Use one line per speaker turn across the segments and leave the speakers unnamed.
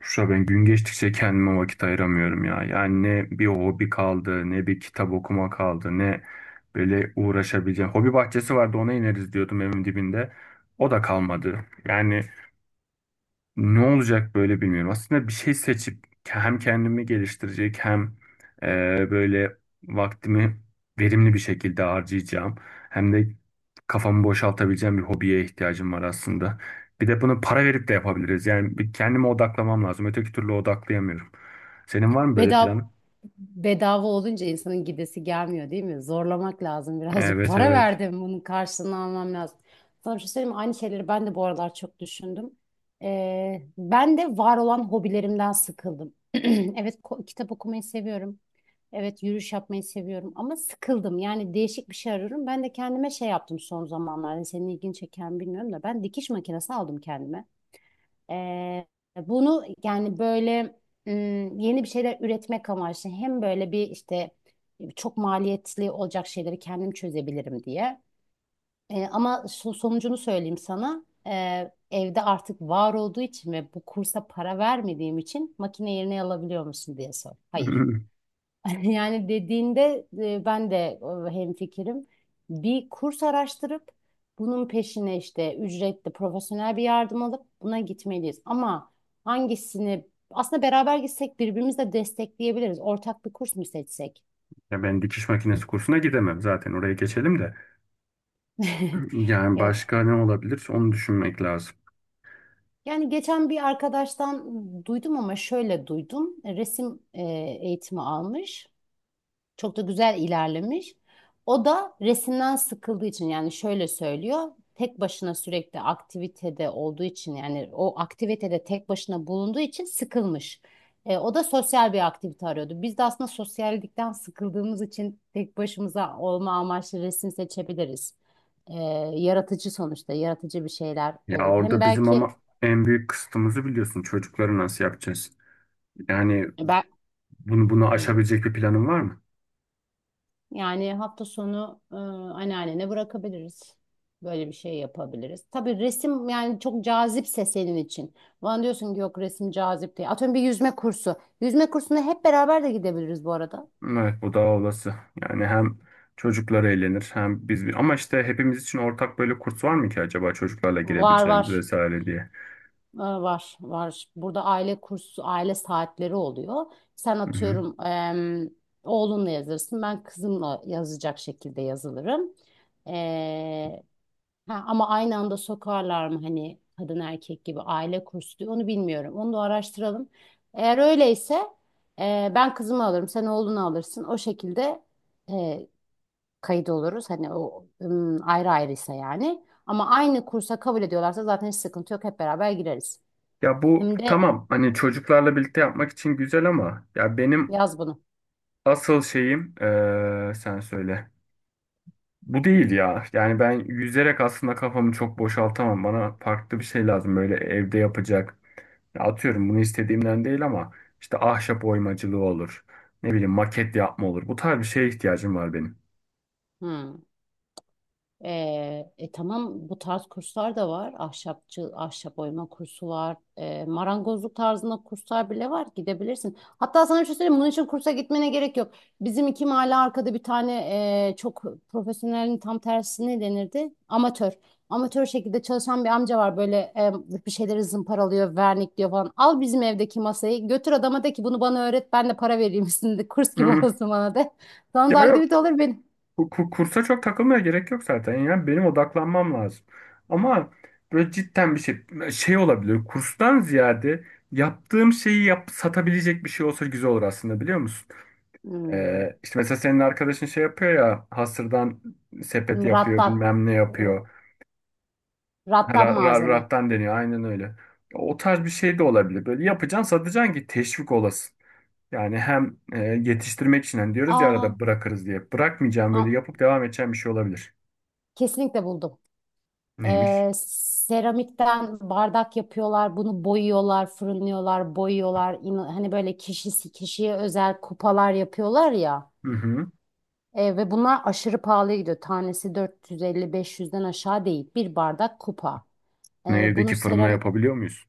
Şura ben gün geçtikçe kendime vakit ayıramıyorum ya. Yani ne bir hobi kaldı, ne bir kitap okuma kaldı, ne böyle uğraşabileceğim. Hobi bahçesi vardı ona ineriz diyordum evin dibinde. O da kalmadı. Yani ne olacak böyle bilmiyorum. Aslında bir şey seçip hem kendimi geliştirecek hem e, böyle vaktimi verimli bir şekilde harcayacağım. Hem de kafamı boşaltabileceğim bir hobiye ihtiyacım var aslında. Bir de bunu para verip de yapabiliriz. Yani bir kendime odaklamam lazım. Öteki türlü odaklayamıyorum. Senin var mı böyle plan?
Bedava, bedava olunca insanın gidesi gelmiyor değil mi? Zorlamak lazım birazcık.
Evet,
Para
evet.
verdim bunun karşılığını almam lazım. Sana bir şey söyleyeyim mi? Aynı şeyleri ben de bu aralar çok düşündüm. Ben de var olan hobilerimden sıkıldım. Evet, kitap okumayı seviyorum. Evet, yürüyüş yapmayı seviyorum ama sıkıldım. Yani değişik bir şey arıyorum. Ben de kendime şey yaptım son zamanlarda. Hani senin ilgini çeken bilmiyorum da ben dikiş makinesi aldım kendime. Ee, Bunu yani böyle yeni bir şeyler üretmek amaçlı hem böyle bir işte çok maliyetli olacak şeyleri kendim çözebilirim diye. Ama sonucunu söyleyeyim sana. Evde artık var olduğu için ve bu kursa para vermediğim için makine yerine alabiliyor musun diye sor. Hayır. Yani dediğinde ben de hemfikirim. Bir kurs araştırıp bunun peşine işte ücretli profesyonel bir yardım alıp buna gitmeliyiz. Ama hangisini aslında beraber gitsek birbirimizi de destekleyebiliriz. Ortak bir kurs mu seçsek?
Ya ben dikiş makinesi kursuna gidemem zaten, oraya geçelim de. Yani
Yok.
başka ne olabilir onu düşünmek lazım.
Yani geçen bir arkadaştan duydum ama şöyle duydum. Resim eğitimi almış. Çok da güzel ilerlemiş. O da resimden sıkıldığı için yani şöyle söylüyor. Tek başına sürekli aktivitede olduğu için yani o aktivitede tek başına bulunduğu için sıkılmış. O da sosyal bir aktivite arıyordu. Biz de aslında sosyallikten sıkıldığımız için tek başımıza olma amaçlı resim seçebiliriz. E, Yaratıcı sonuçta yaratıcı bir şeyler
Ya
olur. Hem
orada bizim
belki
ama en büyük kısıtımızı biliyorsun. Çocukları nasıl yapacağız? Yani bunu
ben...
aşabilecek bir planın var mı?
yani hafta sonu anneannene bırakabiliriz. Böyle bir şey yapabiliriz. Tabii resim yani çok cazipse senin için. Bana diyorsun ki yok, resim cazip değil. Atıyorum bir yüzme kursu. Yüzme kursuna hep beraber de gidebiliriz bu arada.
Evet, bu daha olası. Yani hem çocuklar eğlenir hem biz, ama işte hepimiz için ortak böyle kurs var mı ki acaba, çocuklarla
Var
girebileceğimiz
var.
vesaire diye.
Var var. Burada aile kursu, aile saatleri oluyor. Sen
Hı hı.
atıyorum oğlunla yazırsın. Ben kızımla yazacak şekilde yazılırım. Ee, Ha, ama aynı anda sokarlar mı hani kadın erkek gibi aile kursu diyor, onu bilmiyorum. Onu da araştıralım. Eğer öyleyse ben kızımı alırım, sen oğlunu alırsın. O şekilde e, kayıt oluruz. Hani o ayrı ayrıysa yani. Ama aynı kursa kabul ediyorlarsa zaten hiç sıkıntı yok. Hep beraber gireriz.
Ya bu
Hem de
tamam, hani çocuklarla birlikte yapmak için güzel ama ya benim
yaz bunu.
asıl şeyim sen söyle. Bu değil ya. Yani ben yüzerek aslında kafamı çok boşaltamam. Bana farklı bir şey lazım, böyle evde yapacak. Ya atıyorum, bunu istediğimden değil ama işte ahşap oymacılığı olur. Ne bileyim maket yapma olur. Bu tarz bir şeye ihtiyacım var benim.
Hmm. Tamam, bu tarz kurslar da var. Ahşapçı, ahşap oyma kursu var. Marangozluk tarzında kurslar bile var. Gidebilirsin. Hatta sana bir şey söyleyeyim. Bunun için kursa gitmene gerek yok. Bizim iki mahalle arkada bir tane çok, profesyonelin tam tersi ne denirdi? Amatör. Amatör şekilde çalışan bir amca var. Böyle bir şeyleri zımparalıyor, vernikliyor falan. Al bizim evdeki masayı. Götür adama de ki bunu bana öğret. Ben de para vereyim üstünde. Kurs gibi
Hı.
olsun bana de. Sana da
Ya yok,
aktivite olur benim.
kursa çok takılmaya gerek yok zaten. Yani benim odaklanmam lazım. Ama böyle cidden bir şey olabilir. Kurstan ziyade yaptığım şeyi yap, satabilecek bir şey olsa güzel olur aslında, biliyor musun?
Hmm.
İşte mesela senin arkadaşın şey yapıyor ya, hasırdan sepet yapıyor
Rattan.
bilmem ne
R-
yapıyor. Ha,
Rattan malzeme.
Rattan deniyor, aynen öyle. O tarz bir şey de olabilir. Böyle yapacaksın satacaksın ki teşvik olasın. Yani hem yetiştirmek için hani diyoruz ya
Aa,
arada bırakırız diye. Bırakmayacağım, böyle
ha-
yapıp devam edeceğim bir şey olabilir.
kesinlikle buldum.
Neymiş?
Seramikten bardak yapıyorlar, bunu boyuyorlar, fırınlıyorlar, boyuyorlar. Hani böyle kişisi kişiye özel kupalar yapıyorlar ya.
Hı hı.
Ve bunlar aşırı pahalıya gidiyor. Tanesi 450-500'den aşağı değil. Bir bardak kupa.
Ne,
Bunu
evdeki fırında
seram.
yapabiliyor muyuz?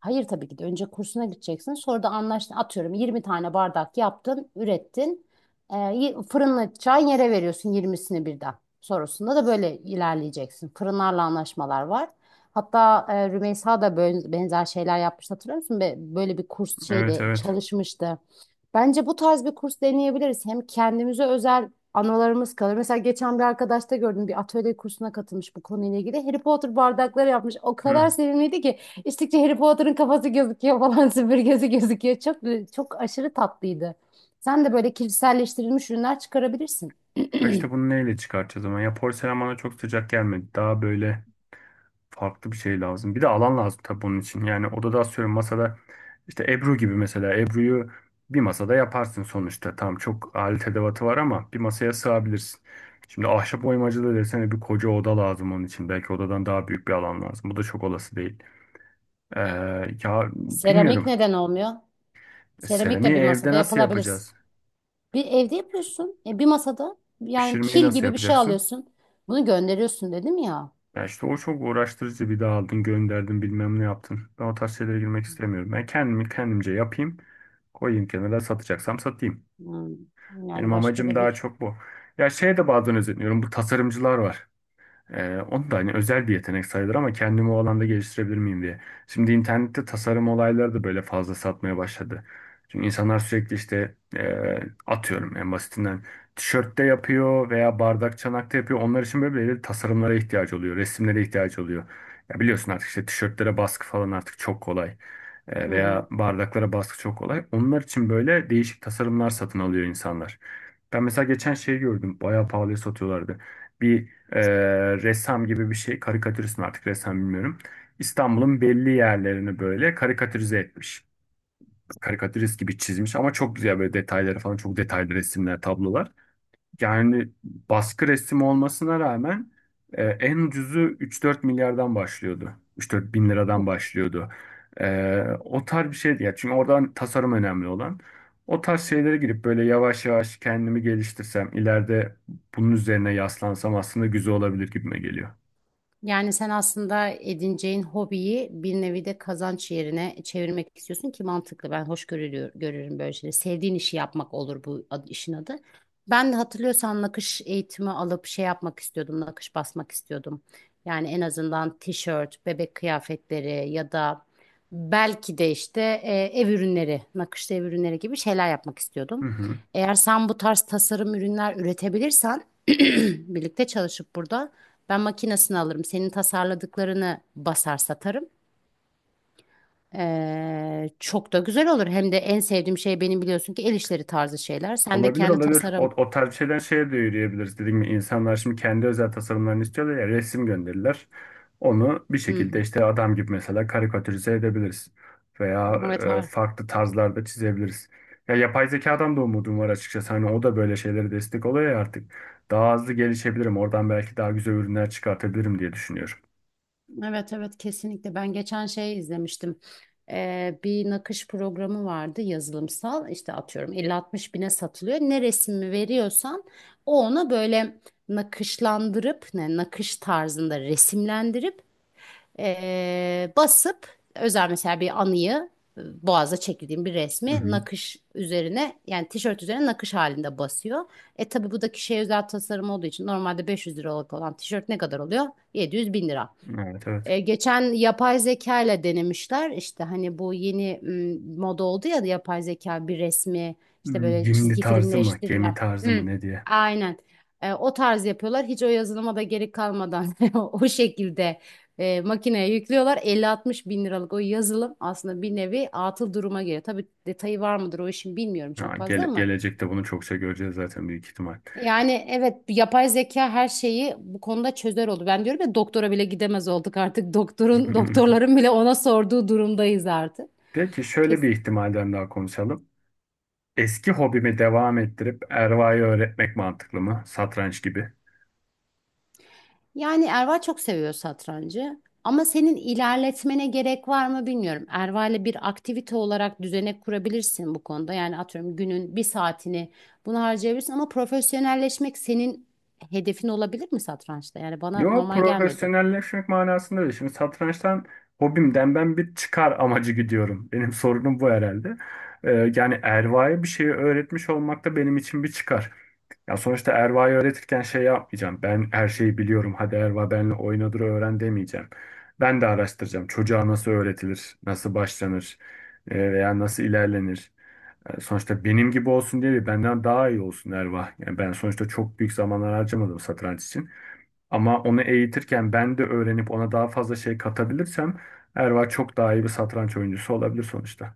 Hayır, tabii ki de önce kursuna gideceksin. Sonra da anlaştın. Atıyorum, 20 tane bardak yaptın, ürettin. Fırınla çay yere veriyorsun 20'sini birden. Sonrasında da böyle ilerleyeceksin. Fırınlarla anlaşmalar var. Hatta Rümeysa da böyle benzer şeyler yapmış, hatırlıyor musun? Böyle bir kurs
Evet,
şeyde
evet.
çalışmıştı. Bence bu tarz bir kurs deneyebiliriz. Hem kendimize özel anılarımız kalır. Mesela geçen bir arkadaşta gördüm, bir atölye kursuna katılmış bu konuyla ilgili. Harry Potter bardakları yapmış. O
Hı.
kadar sevimliydi ki İçtikçe Harry Potter'ın kafası gözüküyor falan süpürgesi gözüküyor. Çok, çok aşırı tatlıydı. Sen de böyle kişiselleştirilmiş ürünler çıkarabilirsin.
Ya işte bunu neyle çıkartacağız ama, ya porselen bana çok sıcak gelmedi. Daha böyle farklı bir şey lazım. Bir de alan lazım tabii bunun için. Yani odada atıyorum, masada işte Ebru gibi, mesela Ebru'yu bir masada yaparsın sonuçta. Tamam, çok alet edevatı var ama bir masaya sığabilirsin. Şimdi ahşap oymacılığı desene bir koca oda lazım onun için. Belki odadan daha büyük bir alan lazım. Bu da çok olası değil. Ee, Ya
Seramik
bilmiyorum.
neden olmuyor? Seramik de
Seramiği
bir
evde
masada
nasıl
yapılabilirsin.
yapacağız?
Bir evde yapıyorsun. Bir masada yani
Pişirmeyi
kil
nasıl
gibi bir şey
yapacaksın?
alıyorsun. Bunu gönderiyorsun dedim ya.
Ya işte o çok uğraştırıcı, bir daha aldın gönderdin bilmem ne yaptın. Ben o tarz şeylere girmek istemiyorum. Ben kendimi kendimce yapayım. Koyayım kenara, satacaksam satayım.
Hmm.
Benim
Yani başka
amacım
da
daha
bir.
çok bu. Ya şeye de bazen özeniyorum. Bu tasarımcılar var. O da hani özel bir yetenek sayılır ama kendimi o alanda geliştirebilir miyim diye. Şimdi internette tasarım olayları da böyle fazla satmaya başladı. Çünkü insanlar sürekli işte atıyorum, en basitinden tişörtte yapıyor veya bardak çanakta yapıyor. Onlar için böyle belirli tasarımlara ihtiyacı oluyor, resimlere ihtiyacı oluyor. Ya biliyorsun artık, işte tişörtlere baskı falan artık çok kolay.
Hı
Veya
hı.
bardaklara baskı çok kolay. Onlar için böyle değişik tasarımlar satın alıyor insanlar. Ben mesela geçen şey gördüm. Bayağı pahalıya satıyorlardı. Bir ressam gibi bir şey. Karikatürist mi artık ressam bilmiyorum. İstanbul'un belli yerlerini böyle karikatürize etmiş. Karikatürist gibi çizmiş ama çok güzel böyle detayları falan. Çok detaylı resimler, tablolar. Yani baskı resmi olmasına rağmen en ucuzu 3-4 milyardan başlıyordu. 3-4 bin liradan başlıyordu. O tarz bir şeydi ya. Çünkü oradan, tasarım önemli olan. O tarz şeylere girip böyle yavaş yavaş kendimi geliştirsem, ileride bunun üzerine yaslansam aslında güzel olabilir gibime geliyor.
Yani sen aslında edineceğin hobiyi bir nevi de kazanç yerine çevirmek istiyorsun ki mantıklı. Ben hoş görülüyor, görürüm böyle şeyleri. Sevdiğin işi yapmak olur bu, işin adı. Ben de hatırlıyorsan nakış eğitimi alıp şey yapmak istiyordum, nakış basmak istiyordum. Yani en azından tişört, bebek kıyafetleri ya da belki de işte ev ürünleri, nakışlı ev ürünleri gibi şeyler yapmak
Hı
istiyordum.
hı.
Eğer sen bu tarz tasarım ürünler üretebilirsen birlikte çalışıp burada. Ben makinesini alırım. Senin tasarladıklarını basar satarım. Çok da güzel olur. Hem de en sevdiğim şey benim biliyorsun ki el işleri tarzı şeyler. Sen de
Olabilir,
kendi
olabilir. O,
tasarım.
o tarz bir şeyden şeye de yürüyebiliriz. Dediğim gibi insanlar şimdi kendi özel tasarımlarını istiyorlar ya, resim gönderirler. Onu bir
Hı
şekilde
hı.
işte adam gibi mesela karikatürize edebiliriz. Veya
Evet,
farklı tarzlarda çizebiliriz. Ya yapay zekadan da umudum var açıkçası. Hani o da böyle şeylere destek oluyor ya artık. Daha hızlı gelişebilirim. Oradan belki daha güzel ürünler çıkartabilirim diye düşünüyorum.
evet, evet, kesinlikle. Ben geçen şey izlemiştim. Bir nakış programı vardı, yazılımsal. İşte atıyorum 50-60 bine satılıyor. Ne resmi veriyorsan o ona böyle nakışlandırıp, ne nakış tarzında resimlendirip basıp özel mesela bir anıyı, boğaza çekildiğim bir
Hı
resmi
hı.
nakış üzerine yani tişört üzerine nakış halinde basıyor. Tabi bu da kişiye özel tasarım olduğu için normalde 500 liralık olan tişört ne kadar oluyor? 700 bin lira.
Evet, evet.
Geçen yapay zeka ile denemişler işte, hani bu yeni moda oldu ya, yapay zeka bir resmi işte
Hmm,
böyle
Gimli
çizgi
tarzı mı?
filmleştiriyor.
Gemi tarzı mı?
Hı,
Ne diye?
aynen. O tarz yapıyorlar hiç o yazılıma da gerek kalmadan. O şekilde makineye yüklüyorlar, 50-60 bin liralık o yazılım aslında bir nevi atıl duruma geliyor. Tabii detayı var mıdır o işin, bilmiyorum
Ha,
çok fazla ama
gelecekte bunu çokça göreceğiz zaten büyük ihtimal.
yani evet, yapay zeka her şeyi bu konuda çözer oldu. Ben diyorum ya, doktora bile gidemez olduk artık. Doktorun doktorların bile ona sorduğu durumdayız artık.
Peki, şöyle bir
Kesin.
ihtimalden daha konuşalım. Eski hobimi devam ettirip Erva'yı öğretmek mantıklı mı? Satranç gibi.
Yani Erva çok seviyor satrancı. Ama senin ilerletmene gerek var mı bilmiyorum. Erva ile bir aktivite olarak düzenek kurabilirsin bu konuda. Yani atıyorum, günün bir saatini bunu harcayabilirsin ama profesyonelleşmek senin hedefin olabilir mi satrançta? Yani bana
Yo,
normal gelmedi.
profesyonelleşmek manasında değil. Şimdi satrançtan, hobimden ben bir çıkar amacı gidiyorum. Benim sorunum bu herhalde. Yani Erva'ya bir şeyi öğretmiş olmak da benim için bir çıkar. Ya sonuçta Erva'yı öğretirken şey yapmayacağım. Ben her şeyi biliyorum, hadi Erva benle oynadır öğren demeyeceğim. Ben de araştıracağım. Çocuğa nasıl öğretilir, nasıl başlanır, veya nasıl ilerlenir. Sonuçta benim gibi olsun diye değil, benden daha iyi olsun Erva. Yani ben sonuçta çok büyük zamanlar harcamadım satranç için. Ama onu eğitirken ben de öğrenip ona daha fazla şey katabilirsem, Erva çok daha iyi bir satranç oyuncusu olabilir sonuçta.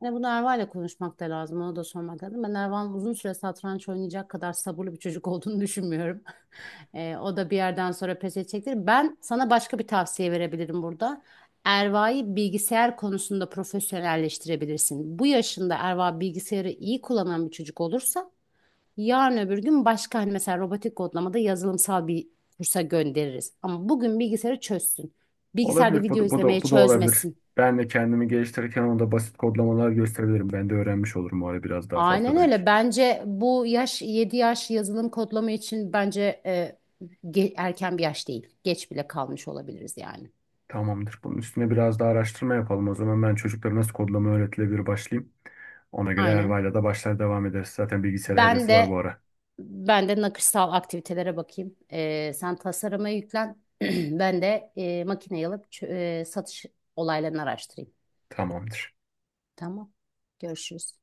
Hani bunu Erva'yla konuşmak da lazım. Ona da sormak lazım. Ben Erva'nın uzun süre satranç oynayacak kadar sabırlı bir çocuk olduğunu düşünmüyorum. O da bir yerden sonra pes edecektir. Ben sana başka bir tavsiye verebilirim burada. Erva'yı bilgisayar konusunda profesyonelleştirebilirsin. Bu yaşında Erva bilgisayarı iyi kullanan bir çocuk olursa yarın öbür gün başka, hani mesela robotik kodlamada yazılımsal bir kursa göndeririz. Ama bugün bilgisayarı çözsün. Bilgisayarda
Olabilir. Bu,
video
da- bu
izlemeye
da bu da olabilir.
çözmesin.
Ben de kendimi geliştirirken ona basit kodlamalar gösterebilirim. Ben de öğrenmiş olurum o ara, biraz daha fazla
Aynen
belki.
öyle. Bence bu yaş, 7 yaş yazılım kodlama için bence erken bir yaş değil. Geç bile kalmış olabiliriz yani.
Tamamdır. Bunun üstüne biraz daha araştırma yapalım. O zaman ben, çocuklara nasıl kodlama öğretilebilir, başlayayım. Ona göre
Aynen.
Erva'yla da başlar devam ederiz. Zaten bilgisayara
Ben
hevesi var bu
de
ara.
ben de nakışsal aktivitelere bakayım. Sen tasarıma yüklen. Ben de makineyi alıp satış olaylarını araştırayım.
Tamamdır.
Tamam. Görüşürüz.